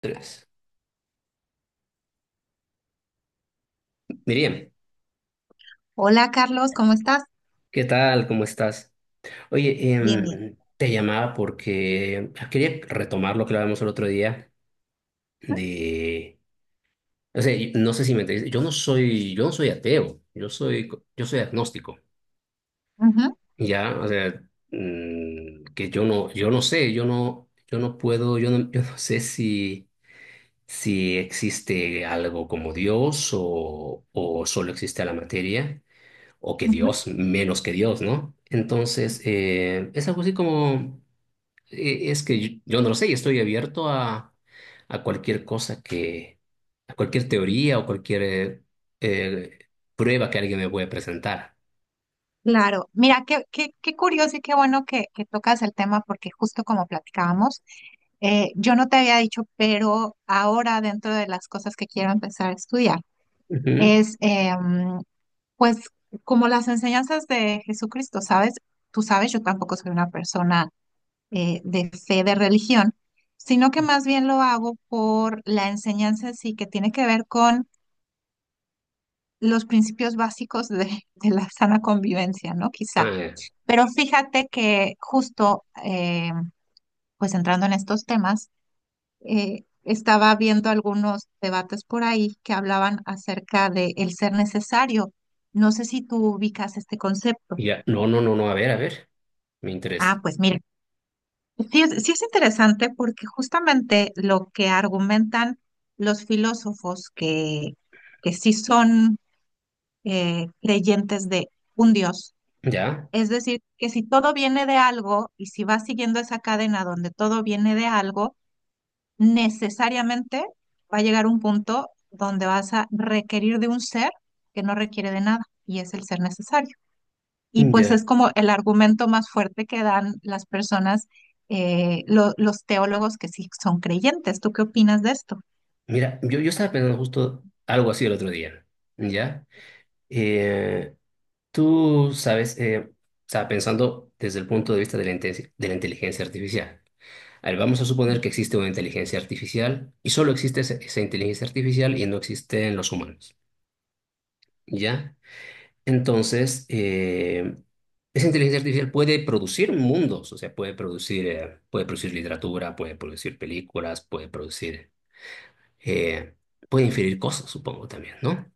Tres. Miriam, Hola Carlos, ¿cómo estás? ¿qué tal? ¿Cómo estás? Oye, Bien, bien. te llamaba porque quería retomar lo que hablábamos el otro día de, o sea, no sé si me entendiste, yo no soy ateo, yo soy, yo soy agnóstico, Ujú, ya, o sea, que yo no sé, yo no puedo, yo no sé si, si existe algo como Dios o solo existe la materia. O que ujú. Dios, menos que Dios, ¿no? Entonces, es algo así como, es que yo no lo sé y estoy abierto a cualquier cosa que, a cualquier teoría o cualquier eh, prueba que alguien me pueda presentar. Claro, mira, qué curioso y qué bueno que tocas el tema porque justo como platicábamos, yo no te había dicho, pero ahora dentro de las cosas que quiero empezar a estudiar Ujú. es pues como las enseñanzas de Jesucristo, ¿sabes? Tú sabes, yo tampoco soy una persona de fe, de religión, sino que más bien lo hago por la enseñanza en sí que tiene que ver con los principios básicos de la sana convivencia, ¿no? Quizá. Ah, Pero fíjate que justo, pues entrando en estos temas, estaba viendo algunos debates por ahí que hablaban acerca de el ser necesario. No sé si tú ubicas este concepto. ya, no, no, no, no, a ver, me Ah, interesa. pues mira, sí es interesante porque justamente lo que argumentan los filósofos que sí son creyentes de un Dios. Ya, Es decir, que si todo viene de algo y si vas siguiendo esa cadena donde todo viene de algo, necesariamente va a llegar un punto donde vas a requerir de un ser que no requiere de nada y es el ser necesario. Y pues ya. es como el argumento más fuerte que dan las personas, los teólogos que sí son creyentes. ¿Tú qué opinas de esto? Mira, yo estaba pensando justo algo así el otro día, ¿ya? Eh, Tú sabes, o sea, pensando desde el punto de vista de de la inteligencia artificial. A ver, vamos a suponer que existe una inteligencia artificial y solo existe esa inteligencia artificial y no existen los humanos, ¿ya? Entonces, esa inteligencia artificial puede producir mundos, o sea, puede producir literatura, puede producir películas, puede producir, eh, puede inferir cosas, supongo también, ¿no?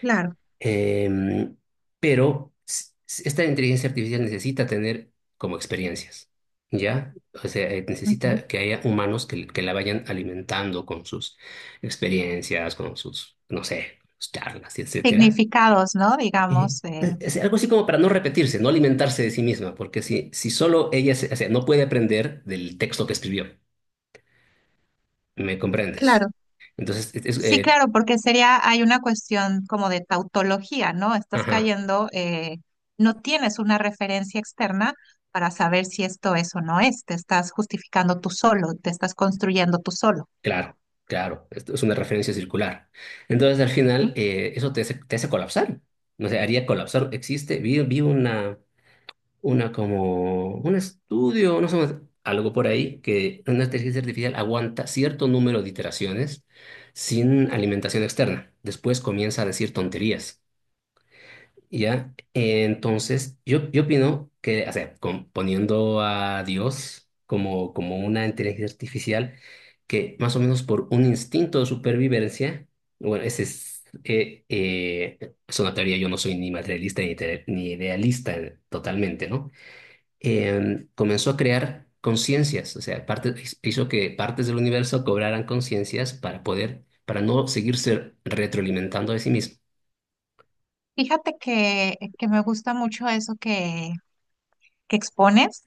Claro. Em, pero esta inteligencia artificial necesita tener como experiencias, ¿ya? O sea, Ujú. necesita que haya humanos que la vayan alimentando con sus experiencias, con sus, no sé, sus charlas, etcétera. Significados, ¿no? Eh, Digamos, es algo así como para no repetirse, no alimentarse de sí misma, porque si, si solo ella, o sea, no puede aprender del texto que escribió, ¿me comprendes? claro. Entonces, Sí, claro, porque sería, hay una cuestión como de tautología, ¿no? Estás ajá. cayendo, no tienes una referencia externa para saber si esto es o no es, te estás justificando tú solo, te estás construyendo tú solo. Claro, claro, esto es una referencia circular. Entonces, al final, ¿No? Eso te hace colapsar. No sé, haría colapsar. Existe, vi una como, un estudio, no sé, algo por ahí, que una inteligencia artificial aguanta cierto número de iteraciones sin alimentación externa. Después comienza a decir tonterías. Ya, entonces, yo opino que, o sea, poniendo a Dios como, como una inteligencia artificial, que más o menos por un instinto de supervivencia, bueno, ese es una teoría, yo no soy ni materialista ni, ni idealista totalmente, ¿no? Comenzó a crear conciencias, o sea, hizo que partes del universo cobraran conciencias para poder, para no seguirse retroalimentando de sí mismo. Fíjate que me gusta mucho eso que expones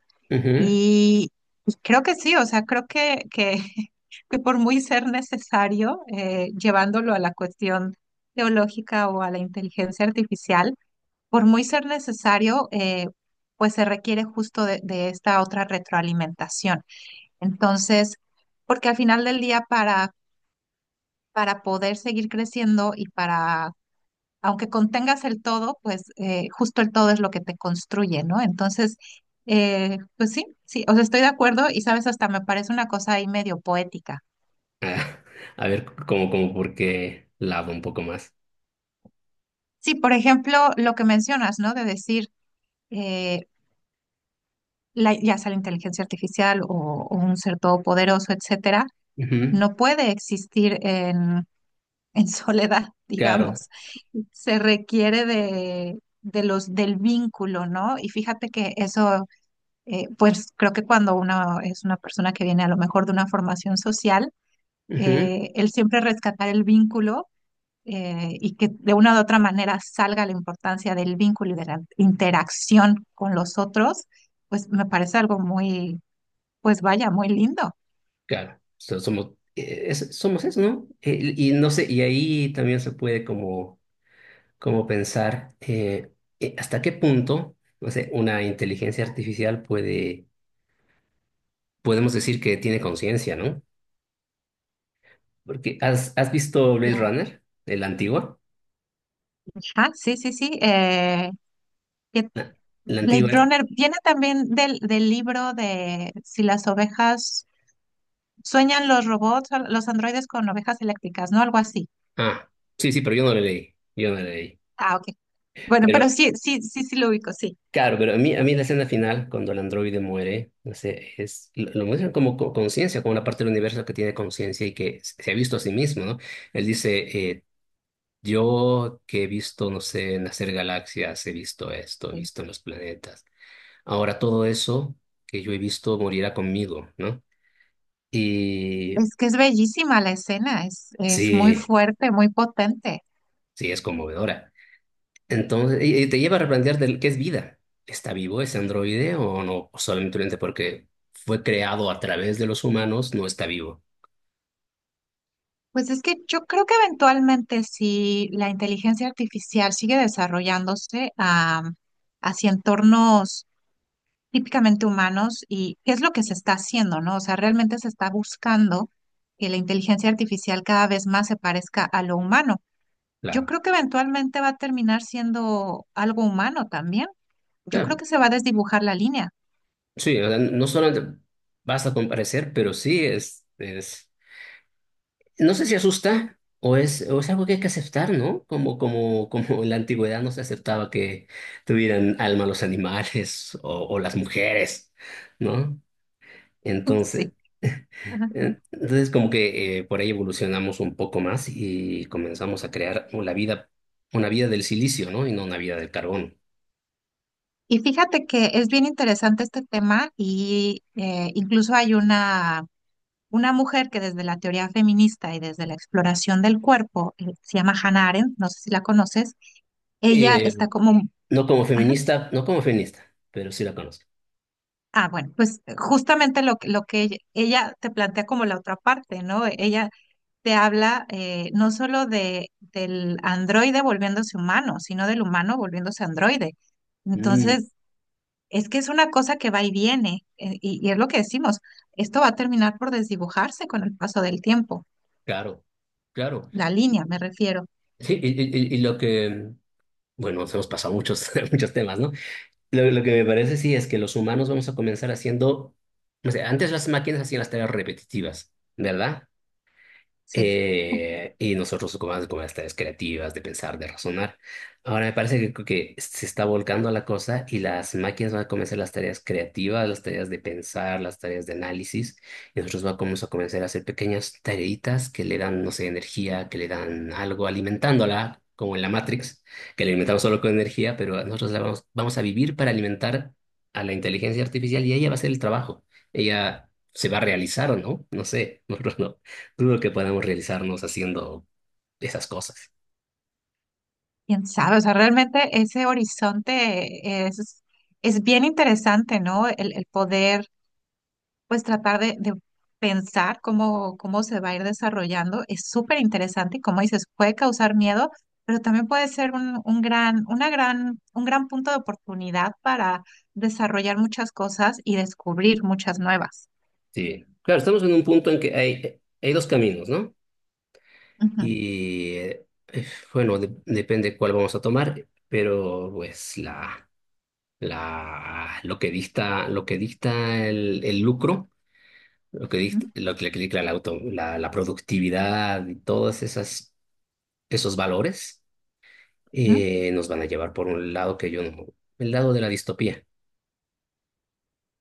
y, y creo que sí, o sea, creo que que por muy ser necesario, llevándolo a la cuestión teológica o a la inteligencia artificial, por muy ser necesario, pues se requiere justo de esta otra retroalimentación. Entonces, porque al final del día para poder seguir creciendo y para, aunque contengas el todo, pues justo el todo es lo que te construye, ¿no? Entonces, pues sí, sí, o sea, estoy de acuerdo y sabes, hasta me parece una cosa ahí medio poética. Ah, a ver, como, como porque lado un poco más. Sí, por ejemplo, lo que mencionas, ¿no? De decir eh, ya sea la inteligencia artificial o un ser todopoderoso, etcétera, Ujú, no puede existir en soledad, claro, digamos. Se requiere de los, del vínculo, ¿no? Y fíjate que eso, pues creo que cuando uno es una persona que viene a lo mejor de una formación social, ujú, el siempre rescatar el vínculo y que de una u otra manera salga la importancia del vínculo y de la interacción con los otros, pues me parece algo muy, pues vaya, muy lindo. claro. Somos, somos eso, ¿no? Y no sé, y ahí también se puede como, como pensar hasta qué punto, no sé, una inteligencia artificial puede, podemos decir que tiene conciencia, ¿no? Porque ¿has, has visto Blade Claro. Runner, el antigua? Ah, sí, sí, sí. ¿Qué, La, la Blade antigua. Runner viene también del, del libro de si las ovejas sueñan los robots, o los androides con ovejas eléctricas, ¿no? Algo así. Ah, sí, sí, pero yo no la leí, yo no la leí. Ah, ok. Bueno, pero sí, sí, sí, sí lo ubico, sí. Claro, pero a mí la escena final, cuando el androide muere, no sé, es, lo muestran como conciencia, como una parte del universo que tiene conciencia y que se ha visto a sí mismo, ¿no? Él dice, yo que he visto, no sé, nacer galaxias, he visto esto, he Sí. visto los planetas. Ahora todo eso que yo he visto morirá conmigo, ¿no? Y Es que es bellísima la escena, es muy sí, fuerte, muy potente. sí, es conmovedora. Entonces, y te lleva a replantear qué es vida. ¿Está vivo ese androide o no? O solamente porque fue creado a través de los humanos, no está vivo. Pues es que yo creo que eventualmente si la inteligencia artificial sigue desarrollándose hacia entornos típicamente humanos y qué es lo que se está haciendo, ¿no? O sea, realmente se está buscando que la inteligencia artificial cada vez más se parezca a lo humano. Yo Claro. creo que eventualmente va a terminar siendo algo humano también. Yo creo Claro. que se va a desdibujar la línea. Sí, o sea, no solamente basta con parecer, pero sí es... No sé si asusta o es algo que hay que aceptar, ¿no? Como, como, como en la antigüedad no se aceptaba que tuvieran alma los animales o las mujeres, ¿no? Entonces. Sí. Ajá. Entonces, como que por ahí evolucionamos un poco más y comenzamos a crear la vida, una vida del silicio, ¿no? Y no una vida del carbón. Y fíjate que es bien interesante este tema y incluso hay una mujer que desde la teoría feminista y desde la exploración del cuerpo, se llama Hannah Arendt, no sé si la conoces, ella Eh, está como... no como Ajá. feminista, no como feminista, pero sí la conozco. Ah, bueno, pues justamente lo que ella te plantea como la otra parte, ¿no? Ella te habla no solo de, del androide volviéndose humano, sino del humano volviéndose androide. Mm, Entonces, es que es una cosa que va y viene, y es lo que decimos, esto va a terminar por desdibujarse con el paso del tiempo, claro, claro. la línea me refiero, Sí, y lo que, bueno, nos hemos pasado muchos, muchos temas, ¿no? Lo que me parece sí es que los humanos vamos a comenzar haciendo, no sé, antes las máquinas hacían las tareas repetitivas, ¿verdad? sí. Y nosotros ocupamos como las tareas creativas, de pensar, de razonar. Ahora me parece que se está volcando la cosa y las máquinas van a comenzar las tareas creativas, las tareas de pensar, las tareas de análisis, y nosotros vamos a comenzar a hacer pequeñas tareitas que le dan, no sé, energía, que le dan algo, alimentándola, como en la Matrix, que la alimentamos solo con energía, pero nosotros la vamos, vamos a vivir para alimentar a la inteligencia artificial y ella va a hacer el trabajo. Ella se va a realizar o no, no sé, nosotros no dudo que podamos realizarnos haciendo esas cosas. Quién sabe, o sea, realmente ese horizonte es bien interesante, ¿no? El poder pues tratar de pensar cómo, cómo se va a ir desarrollando es súper interesante y como dices, puede causar miedo, pero también puede ser un gran, una gran, un gran punto de oportunidad para desarrollar muchas cosas y descubrir muchas nuevas. Sí. Claro, estamos en un punto en que hay dos caminos, ¿no? Ujú, Y bueno, depende cuál vamos a tomar, pero pues la, lo que dicta el lucro, ujú, lo que dicta la, la productividad y todos esas, esos valores ujú. Nos van a llevar por un lado que yo no, el lado de la distopía.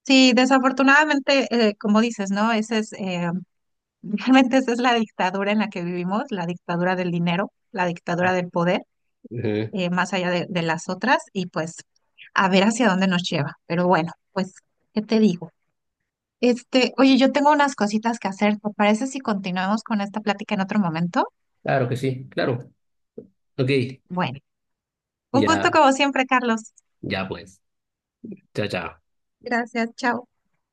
Sí, desafortunadamente, como dices, ¿no? Ese es, realmente esa es la dictadura en la que vivimos, la dictadura del dinero, la dictadura del poder. Ujú. Más allá de las otras y pues a ver hacia dónde nos lleva. Pero bueno, pues, ¿qué te digo? Este, oye, yo tengo unas cositas que hacer. ¿Te parece si continuamos con esta plática en otro momento? Claro que sí, claro. Ok, Bueno, un gusto ya. como siempre, Carlos. Ya pues. Chao, chao. Gracias, chao.